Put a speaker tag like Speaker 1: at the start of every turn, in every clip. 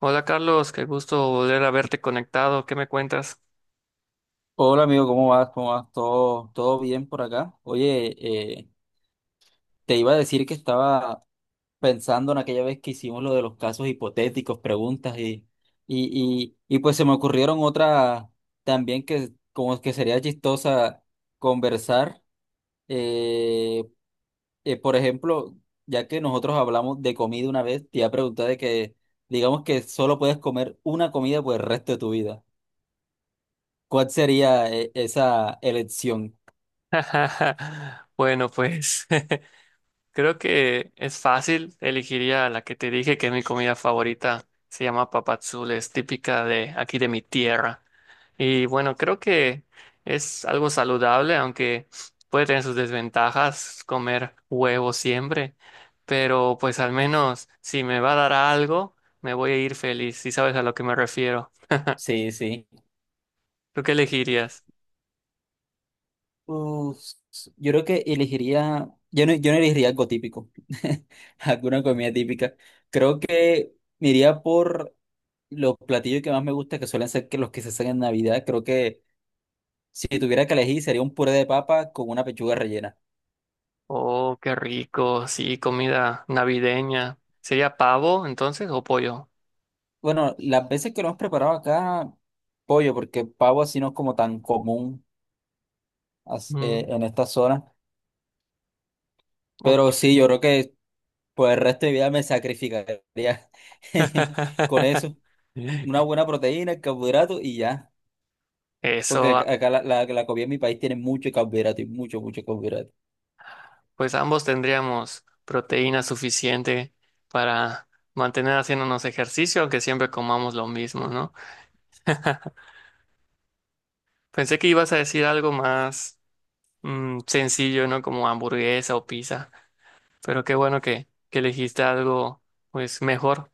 Speaker 1: Hola Carlos, qué gusto volver a verte conectado. ¿Qué me cuentas?
Speaker 2: Hola amigo, ¿cómo vas? ¿Cómo vas? ¿Todo bien por acá? Oye, eh, te iba a decir que estaba pensando en aquella vez que hicimos lo de los casos hipotéticos, preguntas y pues se me ocurrieron otras también que como que sería chistosa conversar. Eh, por ejemplo, ya que nosotros hablamos de comida una vez, te iba a preguntar de que digamos que solo puedes comer una comida por el resto de tu vida. ¿Cuál sería esa elección?
Speaker 1: Bueno, pues creo que es fácil. Elegiría la que te dije que es mi comida favorita. Se llama papadzul, es típica de aquí de mi tierra. Y bueno, creo que es algo saludable, aunque puede tener sus desventajas comer huevo siempre. Pero pues al menos si me va a dar algo, me voy a ir feliz, si sabes a lo que me refiero.
Speaker 2: Sí, sí.
Speaker 1: ¿Tú qué elegirías?
Speaker 2: Uf, yo creo que elegiría, yo no elegiría algo típico, alguna comida típica. Creo que me iría por los platillos que más me gustan, que suelen ser que los que se hacen en Navidad. Creo que si tuviera que elegir sería un puré de papa con una pechuga rellena.
Speaker 1: Oh, qué rico. Sí, comida navideña. ¿Sería pavo entonces o pollo?
Speaker 2: Bueno, las veces que lo hemos preparado acá, pollo, porque pavo así no es como tan común
Speaker 1: Mm,
Speaker 2: en esta zona.
Speaker 1: ok.
Speaker 2: Pero sí, yo creo que por el resto de mi vida me sacrificaría con eso. Una buena proteína, carbohidrato y ya. Porque
Speaker 1: Eso,
Speaker 2: acá la comida en mi país tiene mucho carbohidrato y mucho carbohidrato.
Speaker 1: pues ambos tendríamos proteína suficiente para mantener haciéndonos ejercicio, aunque siempre comamos lo mismo, ¿no? Pensé que ibas a decir algo más sencillo, ¿no? Como hamburguesa o pizza, pero qué bueno que elegiste algo pues mejor.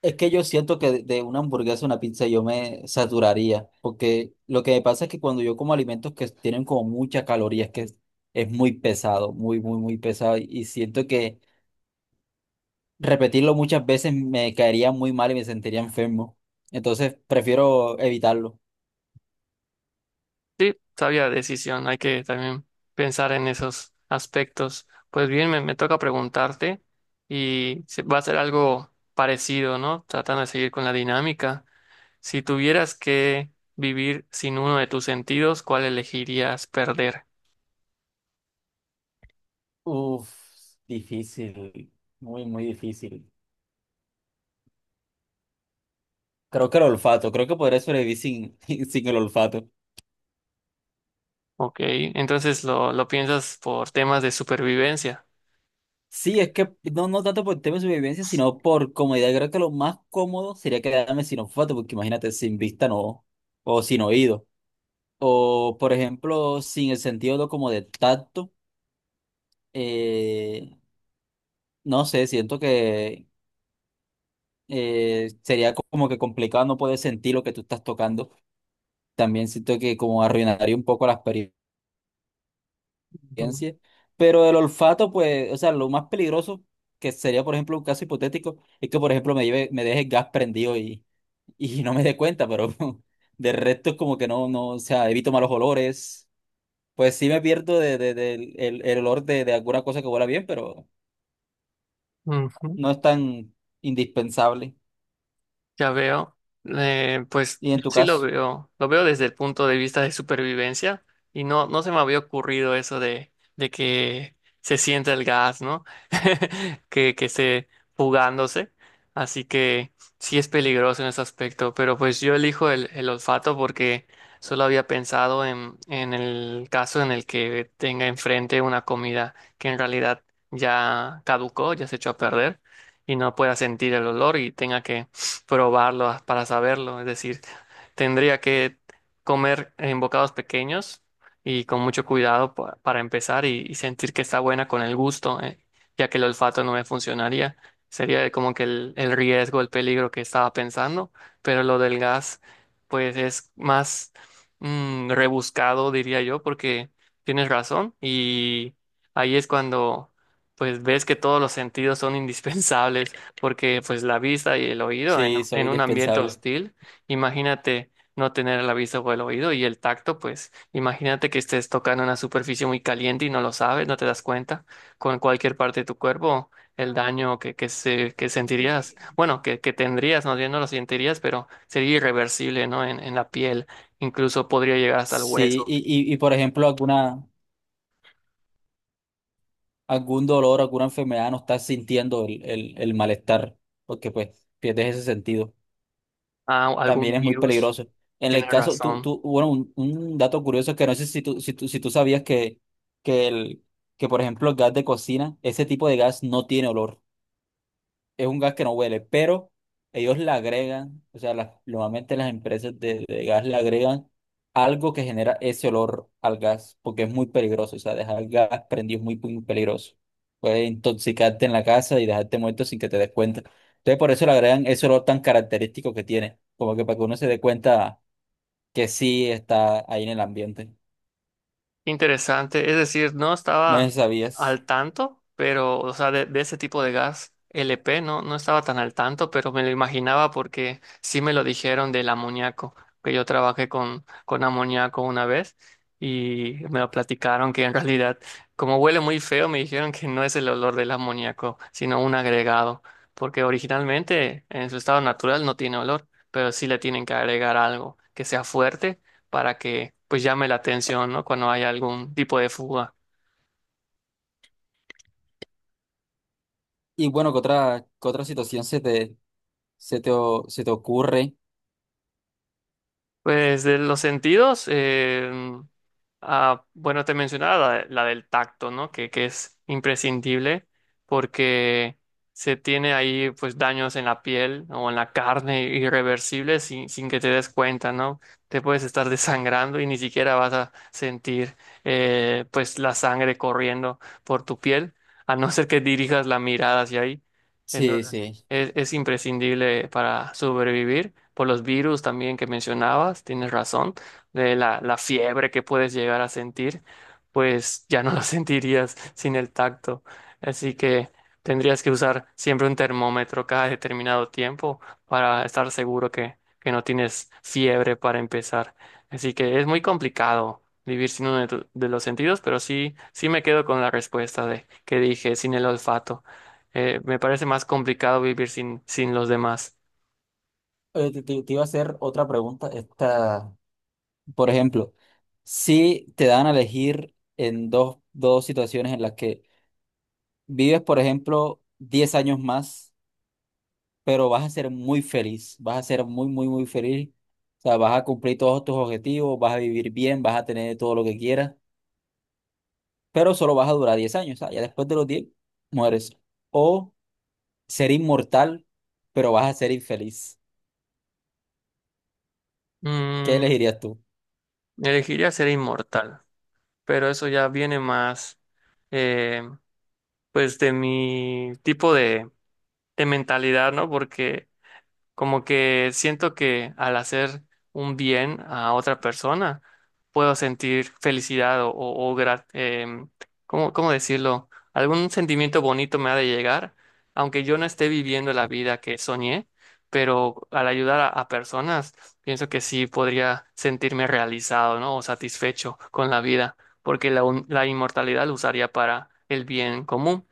Speaker 2: Es que yo siento que de una hamburguesa, una pizza, yo me saturaría. Porque lo que me pasa es que cuando yo como alimentos que tienen como muchas calorías, es muy pesado, muy pesado. Y siento que repetirlo muchas veces me caería muy mal y me sentiría enfermo. Entonces prefiero evitarlo.
Speaker 1: Sí, sabia decisión, hay que también pensar en esos aspectos. Pues bien, me toca preguntarte y va a ser algo parecido, ¿no? Tratando de seguir con la dinámica. Si tuvieras que vivir sin uno de tus sentidos, ¿cuál elegirías perder?
Speaker 2: Uf, difícil, muy, muy difícil. Creo que el olfato, creo que podría sobrevivir sin, sin el olfato.
Speaker 1: Ok, entonces lo piensas por temas de supervivencia.
Speaker 2: Sí, es que no, no tanto por tema de supervivencia, sino por comodidad. Creo que lo más cómodo sería quedarme sin olfato, porque imagínate, sin vista no, o sin oído. O, por ejemplo, sin el sentido de- como de tacto, eh, no sé, siento que sería como que complicado no poder sentir lo que tú estás tocando. También siento que como arruinaría un poco la experiencia.
Speaker 1: Ujú.
Speaker 2: Experiencia. Pero el olfato, pues, o sea, lo más peligroso que sería, por ejemplo, un caso hipotético, es que, por ejemplo, me deje el gas prendido y no me dé cuenta, pero de resto es como que no, no, o sea, evito malos olores. Pues sí me pierdo el olor de alguna cosa que huela bien, pero
Speaker 1: Ujú.
Speaker 2: no es tan indispensable.
Speaker 1: Ya veo, pues
Speaker 2: ¿Y
Speaker 1: yo
Speaker 2: en tu
Speaker 1: sí
Speaker 2: caso?
Speaker 1: lo veo desde el punto de vista de supervivencia y no, no se me había ocurrido eso de que se sienta el gas, ¿no? Que esté fugándose, así que sí es peligroso en ese aspecto, pero pues yo elijo el olfato porque solo había pensado en el caso en el que tenga enfrente una comida que en realidad ya caducó, ya se echó a perder y no pueda sentir el olor y tenga que para saberlo. Es decir, tendría que comer en bocados pequeños y con mucho cuidado para empezar y sentir que está buena con el gusto, ya que el olfato no me funcionaría. Sería como que el riesgo, el peligro que estaba pensando, pero lo del gas, pues es más rebuscado, diría yo, porque tienes razón y ahí es cuando pues ves que todos los sentidos son indispensables porque pues la vista y el oído
Speaker 2: Sí, soy
Speaker 1: en un ambiente
Speaker 2: indispensable.
Speaker 1: hostil, imagínate no tener la vista o el oído y el tacto, pues imagínate que estés tocando una superficie muy caliente y no lo sabes, no te das cuenta con cualquier parte de tu cuerpo, el daño que sentirías, bueno, que tendrías, no, no lo sentirías, pero sería irreversible, ¿no? En la piel, incluso podría llegar hasta el
Speaker 2: Sí,
Speaker 1: hueso.
Speaker 2: y por ejemplo, alguna... algún dolor, alguna enfermedad, no estás sintiendo el malestar, porque pues pierdes ese sentido.
Speaker 1: Ah,
Speaker 2: También
Speaker 1: algún
Speaker 2: es muy
Speaker 1: virus,
Speaker 2: peligroso. En el
Speaker 1: tiene
Speaker 2: caso,
Speaker 1: razón.
Speaker 2: bueno, un dato curioso que no sé si si tú sabías que, que, el, que, por ejemplo, el gas de cocina, ese tipo de gas no tiene olor, es un gas que no huele, pero ellos le agregan, o sea, normalmente las empresas de gas le agregan algo que genera ese olor al gas, porque es muy peligroso, o sea, dejar el gas prendido es muy, muy peligroso. Puede intoxicarte en la casa y dejarte muerto sin que te des cuenta. Entonces, por eso le agregan ese olor tan característico que tiene, como que para que uno se dé cuenta que sí está ahí en el ambiente.
Speaker 1: Interesante, es decir, no
Speaker 2: No sé
Speaker 1: estaba
Speaker 2: si sabías.
Speaker 1: al tanto, pero, o sea, de ese tipo de gas LP no, no estaba tan al tanto, pero me lo imaginaba porque sí me lo dijeron del amoníaco, que yo trabajé con amoníaco una vez y me lo platicaron que en realidad, como huele muy feo, me dijeron que no es el olor del amoníaco, sino un agregado, porque originalmente en su estado natural no tiene olor, pero sí le tienen que agregar algo que sea fuerte para que pues llame la atención, ¿no? Cuando hay algún tipo de fuga.
Speaker 2: Y bueno, qué otra situación se te, se te ocurre?
Speaker 1: Pues de los sentidos, ah, bueno, te mencionaba la del tacto, ¿no? Que es imprescindible porque se tiene ahí pues daños en la piel o en la carne irreversibles sin, sin que te des cuenta, ¿no? Te puedes estar desangrando y ni siquiera vas a sentir pues la sangre corriendo por tu piel, a no ser que dirijas la mirada hacia ahí.
Speaker 2: Sí,
Speaker 1: Entonces,
Speaker 2: sí.
Speaker 1: es imprescindible para sobrevivir. Por los virus también que mencionabas, tienes razón de la fiebre que puedes llegar a sentir, pues ya no la sentirías sin el tacto. Así que tendrías que usar siempre un termómetro cada determinado tiempo para estar seguro que no tienes fiebre para empezar. Así que es muy complicado vivir sin uno de, de los sentidos, pero sí, sí me quedo con la respuesta de que dije, sin el olfato. Me parece más complicado vivir sin, sin los demás.
Speaker 2: Te iba a hacer otra pregunta. Esta, por ejemplo, si te dan a elegir en dos situaciones en las que vives, por ejemplo, 10 años más, pero vas a ser muy feliz, vas a ser muy feliz. O sea, vas a cumplir todos tus objetivos, vas a vivir bien, vas a tener todo lo que quieras, pero solo vas a durar 10 años. O sea, ya después de los 10 mueres. O ser inmortal, pero vas a ser infeliz. ¿Qué
Speaker 1: Mm,
Speaker 2: elegirías tú?
Speaker 1: elegiría ser inmortal, pero eso ya viene más eh, pues de mi tipo de mentalidad, ¿no? Porque como que siento que al hacer un bien a otra persona, puedo sentir felicidad o em, ¿cómo, cómo decirlo? Algún sentimiento bonito me ha de llegar, aunque yo no esté viviendo la vida que soñé, pero al ayudar a personas, pienso que sí podría sentirme realizado, ¿no? O satisfecho con la vida, porque la inmortalidad lo usaría para el bien común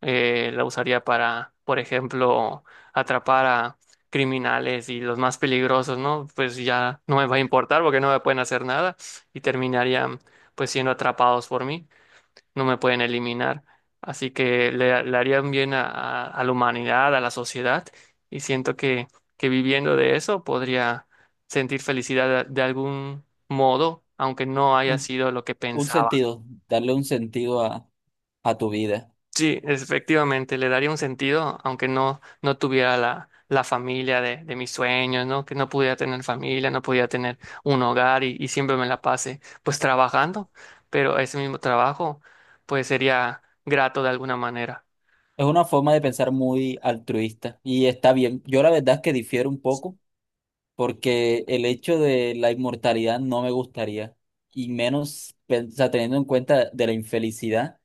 Speaker 1: la usaría para, por ejemplo, atrapar a criminales y los más peligrosos, ¿no? Pues ya no me va a importar porque no me pueden hacer nada y terminarían pues siendo atrapados por mí, no me pueden eliminar. Así que le harían bien a, a la humanidad, a la sociedad y siento que viviendo de eso podría sentir felicidad de algún modo, aunque no haya
Speaker 2: Un,
Speaker 1: sido lo que
Speaker 2: un
Speaker 1: pensaba.
Speaker 2: sentido, darle un sentido a tu vida.
Speaker 1: Sí, efectivamente, le daría un sentido, aunque no, no tuviera la familia de mis sueños, ¿no? Que no pudiera tener familia, no podía tener un hogar y siempre me la pase pues trabajando, pero ese mismo trabajo pues sería grato de alguna manera.
Speaker 2: Es una forma de pensar muy altruista y está bien. Yo la verdad es que difiero un poco porque el hecho de la inmortalidad no me gustaría y menos, o sea, teniendo en cuenta de la infelicidad,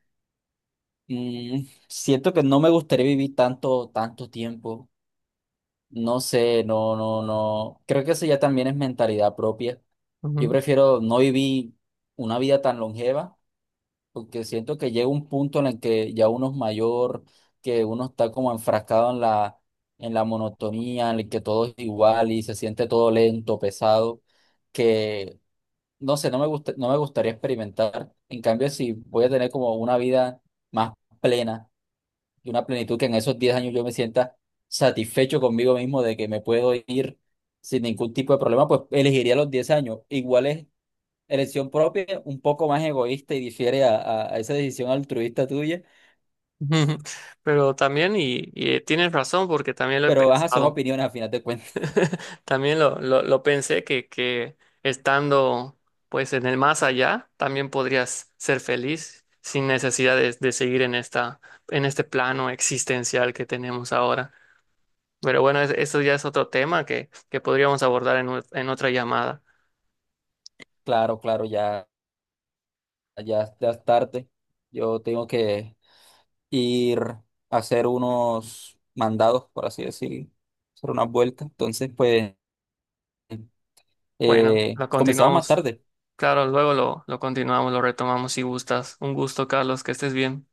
Speaker 2: mm, siento que no me gustaría vivir tanto, tanto tiempo. No sé, no. Creo que eso ya también es mentalidad propia. Yo
Speaker 1: Ujú.
Speaker 2: prefiero no vivir una vida tan longeva. Porque siento que llega un punto en el que ya uno es mayor, que uno está como enfrascado en la monotonía, en el que todo es igual y se siente todo lento, pesado, que no sé, no me gusta, no me gustaría experimentar. En cambio, si voy a tener como una vida más plena y una plenitud que en esos 10 años yo me sienta satisfecho conmigo mismo de que me puedo ir sin ningún tipo de problema, pues elegiría los 10 años. Igual es elección propia, un poco más egoísta y difiere a esa decisión altruista tuya,
Speaker 1: Pero también, y tienes razón porque también lo he
Speaker 2: pero ajá, son
Speaker 1: pensado.
Speaker 2: opiniones a final de cuentas.
Speaker 1: También lo pensé que estando pues en el más allá, también podrías ser feliz sin necesidad de seguir en esta, en este plano existencial que tenemos ahora. Pero bueno, eso ya es otro tema que podríamos abordar en, en otra llamada.
Speaker 2: Claro, claro, ya es tarde. Yo tengo que ir a hacer unos mandados, por así decir, hacer unas vueltas. Entonces, pues,
Speaker 1: Bueno, lo
Speaker 2: comenzamos más
Speaker 1: continuamos.
Speaker 2: tarde.
Speaker 1: Claro, luego lo continuamos, lo retomamos si gustas. Un gusto, Carlos, que estés bien.